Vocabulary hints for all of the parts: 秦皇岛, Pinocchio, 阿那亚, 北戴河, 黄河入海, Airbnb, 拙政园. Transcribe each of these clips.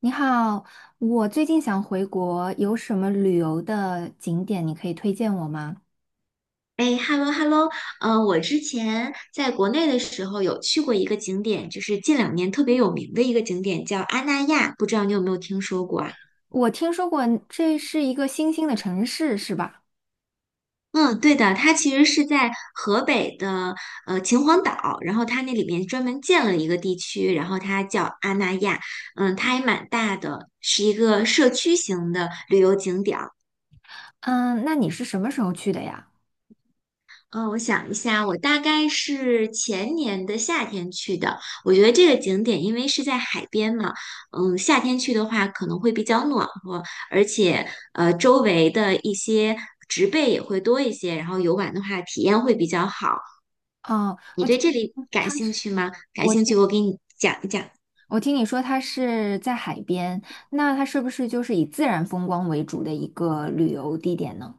你好，我最近想回国，有什么旅游的景点你可以推荐我吗？哎，hello hello，我之前在国内的时候有去过一个景点，就是近两年特别有名的一个景点，叫阿那亚，不知道你有没有听说过啊？我听说过这是一个新兴的城市，是吧？嗯，对的，它其实是在河北的秦皇岛，然后它那里面专门建了一个地区，然后它叫阿那亚，嗯，它还蛮大的，是一个社区型的旅游景点。嗯，那你是什么时候去的呀？嗯,我想一下，我大概是前年的夏天去的。我觉得这个景点因为是在海边嘛，嗯，夏天去的话可能会比较暖和，而且周围的一些植被也会多一些，然后游玩的话体验会比较好。哦，你我对听这里感他，兴趣吗？感我兴听趣，我给你讲一讲。我听你说它是在海边，那它是不是就是以自然风光为主的一个旅游地点呢？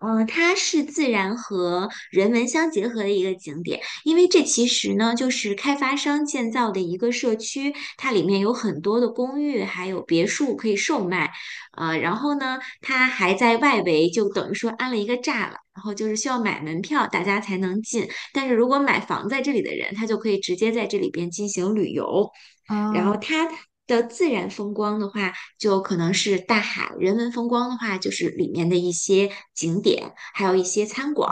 嗯，它是自然和人文相结合的一个景点，因为这其实呢就是开发商建造的一个社区，它里面有很多的公寓，还有别墅可以售卖，然后呢，它还在外围就等于说安了一个栅栏，然后就是需要买门票，大家才能进，但是如果买房在这里的人，他就可以直接在这里边进行旅游。然哦，后它的自然风光的话，就可能是大海，人文风光的话，就是里面的一些景点，还有一些餐馆。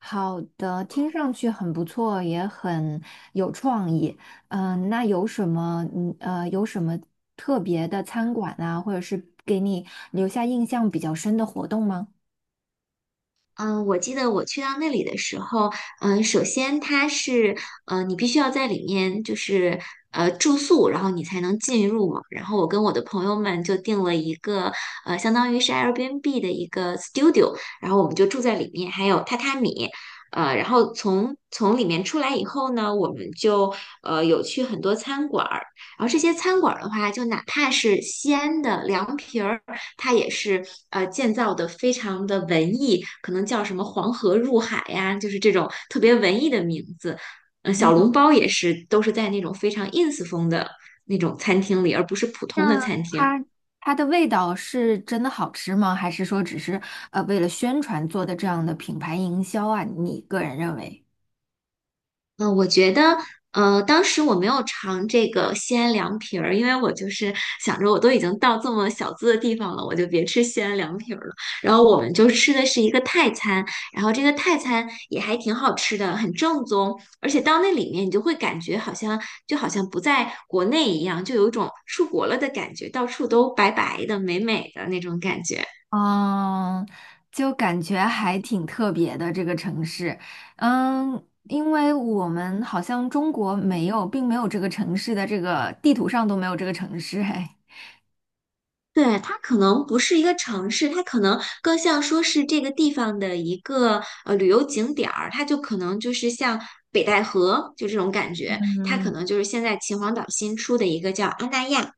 好的，听上去很不错，也很有创意。那有什么特别的餐馆啊，或者是给你留下印象比较深的活动吗？嗯,我记得我去到那里的时候，嗯，首先它是，呃，你必须要在里面就是住宿，然后你才能进入嘛。然后我跟我的朋友们就订了一个，呃，相当于是 Airbnb 的一个 studio，然后我们就住在里面，还有榻榻米，然后从里面出来以后呢，我们就有去很多餐馆儿，然后这些餐馆儿的话，就哪怕是西安的凉皮儿。它也是建造的非常的文艺，可能叫什么黄河入海呀，就是这种特别文艺的名字。嗯，小嗯，笼包也是，都是在那种非常 ins 风的那种餐厅里，而不是普通的那餐厅。它它的味道是真的好吃吗？还是说只是为了宣传做的这样的品牌营销啊？你个人认为？嗯,我觉得，呃，当时我没有尝这个西安凉皮儿，因为我就是想着我都已经到这么小资的地方了，我就别吃西安凉皮儿了。然后我们就吃的是一个泰餐，然后这个泰餐也还挺好吃的，很正宗。而且到那里面，你就会感觉好像就好像不在国内一样，就有一种出国了的感觉，到处都白白的、美美的那种感觉。嗯，就感觉还挺特别的这个城市，嗯，因为我们好像中国没有，并没有这个城市的这个地图上都没有这个城市，哎，对，它可能不是一个城市，它可能更像说是这个地方的一个旅游景点儿，它就可能就是像北戴河就这种感觉，它可嗯，能就是现在秦皇岛新出的一个叫阿那亚，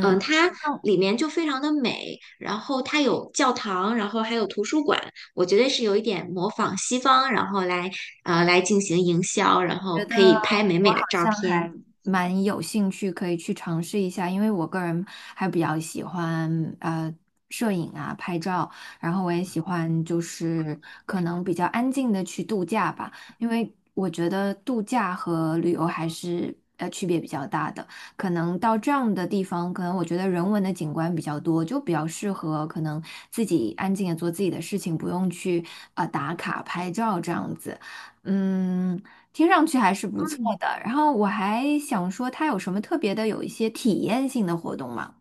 嗯，它里面就非常的美，然后它有教堂，然后还有图书馆，我觉得是有一点模仿西方，然后来来进行营销，然觉后可得以拍美我美好的照像还片。蛮有兴趣，可以去尝试一下，因为我个人还比较喜欢摄影啊、拍照，然后我也喜欢就是可能比较安静的去度假吧，因为我觉得度假和旅游还是区别比较大的。可能到这样的地方，可能我觉得人文的景观比较多，就比较适合可能自己安静的做自己的事情，不用去打卡拍照这样子。嗯，听上去还是不错嗯的。然后我还想说，它有什么特别的，有一些体验性的活动吗？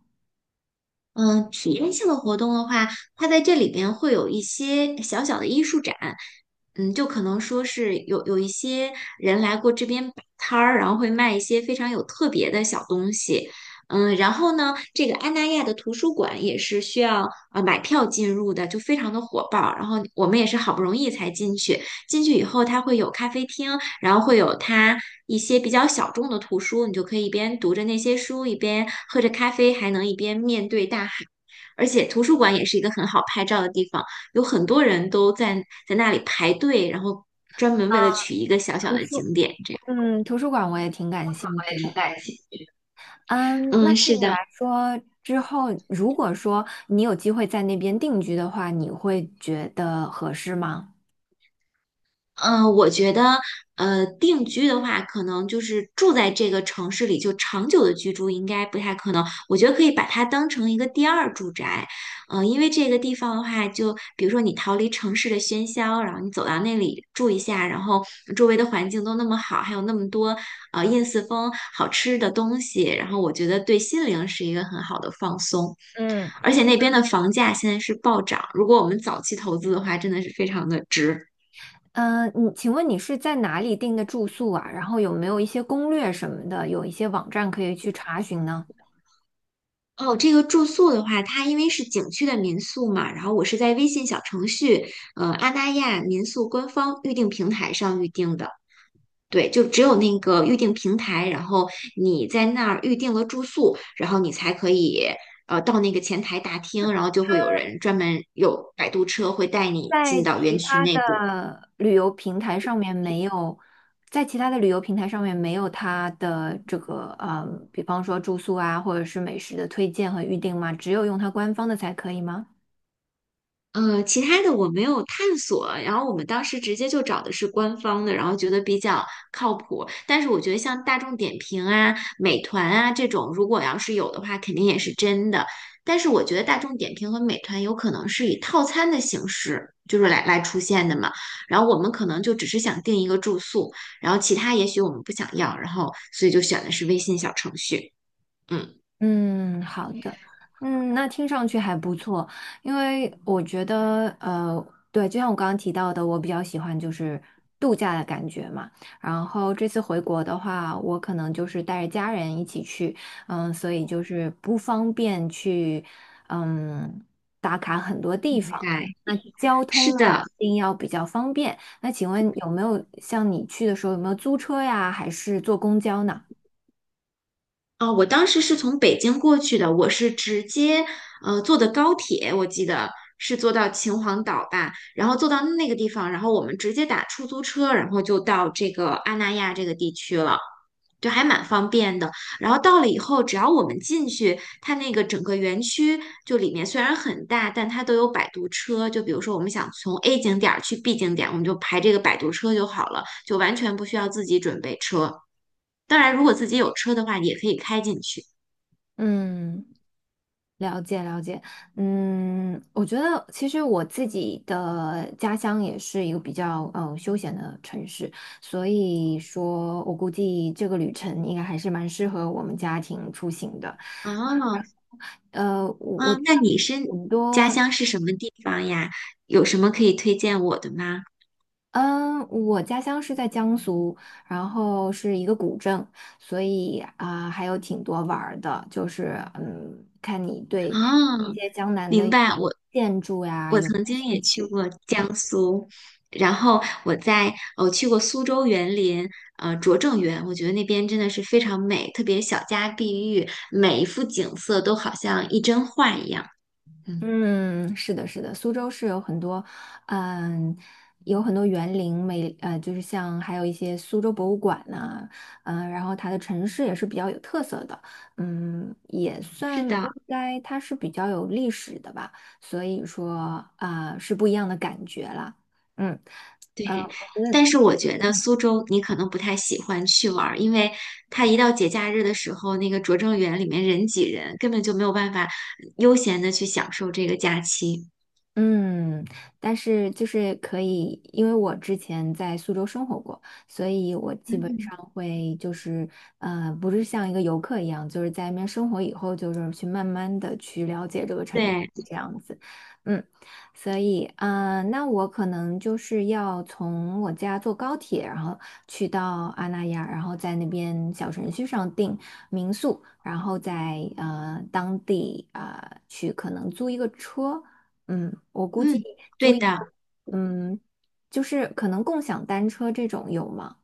嗯，体验性的活动的话，它在这里边会有一些小小的艺术展，嗯，就可能说是有一些人来过这边摆摊儿，然后会卖一些非常有特别的小东西，嗯，然后呢，这个安那亚的图书馆也是需要买票进入的，就非常的火爆，然后我们也是好不容易才进去，进去以后它会有咖啡厅，然后会有它一些比较小众的图书，你就可以一边读着那些书，一边喝着咖啡，还能一边面对大海。而且图书馆也是一个很好拍照的地方，有很多人都在那里排队，然后专门为了取一个小小图的书，景点，这样。嗯，图书馆我也挺感兴我趣也挺的。感谢。嗯，那嗯，对是你的。来说，之后如果说你有机会在那边定居的话，你会觉得合适吗？嗯，我觉得，呃，定居的话，可能就是住在这个城市里，就长久的居住应该不太可能。我觉得可以把它当成一个第二住宅，因为这个地方的话，就比如说你逃离城市的喧嚣，然后你走到那里住一下，然后周围的环境都那么好，还有那么多燕四风好吃的东西，然后我觉得对心灵是一个很好的放松。嗯。而且那边的房价现在是暴涨，如果我们早期投资的话，真的是非常的值。嗯，请问你是在哪里订的住宿啊？然后有没有一些攻略什么的，有一些网站可以去查询呢？哦，这个住宿的话，它因为是景区的民宿嘛，然后我是在微信小程序，阿那亚民宿官方预订平台上预订的。对，就只有那个预订平台，然后你在那儿预订了住宿，然后你才可以到那个前台大厅，然后就会有人专门有摆渡车会带你在进到园其区他内部。的旅游平台上面没有，在其他的旅游平台上面没有它的这个，比方说住宿啊，或者是美食的推荐和预订吗？只有用它官方的才可以吗？其他的我没有探索，然后我们当时直接就找的是官方的，然后觉得比较靠谱。但是我觉得像大众点评啊、美团啊这种，如果要是有的话，肯定也是真的。但是我觉得大众点评和美团有可能是以套餐的形式，就是来出现的嘛。然后我们可能就只是想订一个住宿，然后其他也许我们不想要，然后所以就选的是微信小程序。嗯，嗯，好的，嗯，那听上去还不错，因为我觉得，对，就像我刚刚提到的，我比较喜欢就是度假的感觉嘛。然后这次回国的话，我可能就是带着家人一起去，嗯，所以就是不方便去，嗯，打卡很多地大方。概那交通是呢，的。一定要比较方便。那请问有没有像你去的时候有没有租车呀，还是坐公交呢？啊、我当时是从北京过去的，我是直接坐的高铁，我记得是坐到秦皇岛吧，然后坐到那个地方，然后我们直接打出租车，然后就到这个阿那亚这个地区了。就还蛮方便的。然后到了以后，只要我们进去，它那个整个园区就里面虽然很大，但它都有摆渡车。就比如说我们想从 A 景点儿去 B 景点，我们就排这个摆渡车就好了，就完全不需要自己准备车。当然，如果自己有车的话，也可以开进去。嗯。了解了解，嗯，我觉得其实我自己的家乡也是一个比较休闲的城市，所以说我估计这个旅程应该还是蛮适合我们家庭出行的。哦，我知嗯，那道你是很家多。乡是什么地方呀？有什么可以推荐我的吗？嗯，我家乡是在江苏，然后是一个古镇，所以啊、还有挺多玩儿的，就是嗯，看你对啊，一些江南的明一白，些我建筑呀我有没曾有经兴也去趣。过江苏，然后我去过苏州园林，拙政园，我觉得那边真的是非常美，特别小家碧玉，每一幅景色都好像一帧画一样。嗯，嗯，是的，是的，苏州是有很多，嗯，有很多园林美，就是像还有一些苏州博物馆呐、嗯、然后它的城市也是比较有特色的，嗯，也是算的。应该它是比较有历史的吧，所以说啊、是不一样的感觉啦，嗯，对，我觉但得。是我觉得苏州你可能不太喜欢去玩儿，因为它一到节假日的时候，那个拙政园里面人挤人，根本就没有办法悠闲的去享受这个假期。嗯，但是就是可以，因为我之前在苏州生活过，所以我基本嗯，上会就是，不是像一个游客一样，就是在那边生活以后，就是去慢慢的去了解这个城市对，这样子，嗯，所以，那我可能就是要从我家坐高铁，然后去到阿那亚，然后在那边小程序上订民宿，然后在当地啊、去可能租一个车。嗯，我估计嗯，对租一的，个，嗯，就是可能共享单车这种有吗？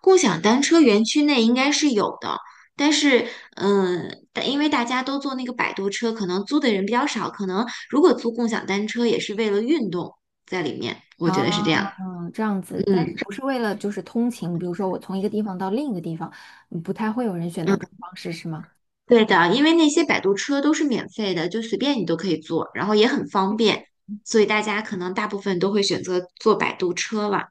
共享单车园区内应该是有的，但是，嗯，但因为大家都坐那个摆渡车，可能租的人比较少，可能如果租共享单车也是为了运动在里面，我觉啊，得是这样。这样子，嗯但是不是为了就是通勤，比如说我从一个地方到另一个地方，不太会有人选择这种方式，是吗？对的，因为那些摆渡车都是免费的，就随便你都可以坐，然后也很方便，所以大家可能大部分都会选择坐摆渡车了。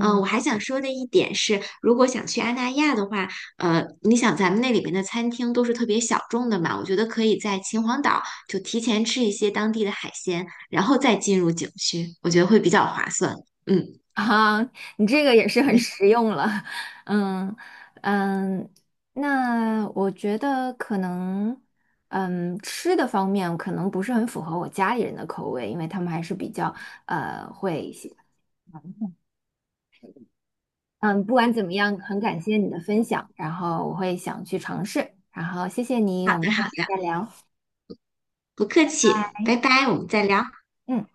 嗯，我还想说的一点是，如果想去阿那亚的话，你想咱们那里面的餐厅都是特别小众的嘛，我觉得可以在秦皇岛就提前吃一些当地的海鲜，然后再进入景区，我觉得会比较划算。嗯，啊，你这个也是很实用了，嗯嗯，那我觉得可能，嗯，吃的方面可能不是很符合我家里人的口味，因为他们还是比较呃会喜欢。嗯，不管怎么样，很感谢你的分享，然后我会想去尝试，然后谢谢你，好我们的下好次的，再聊。不客气，拜拜，我们再聊。嗯。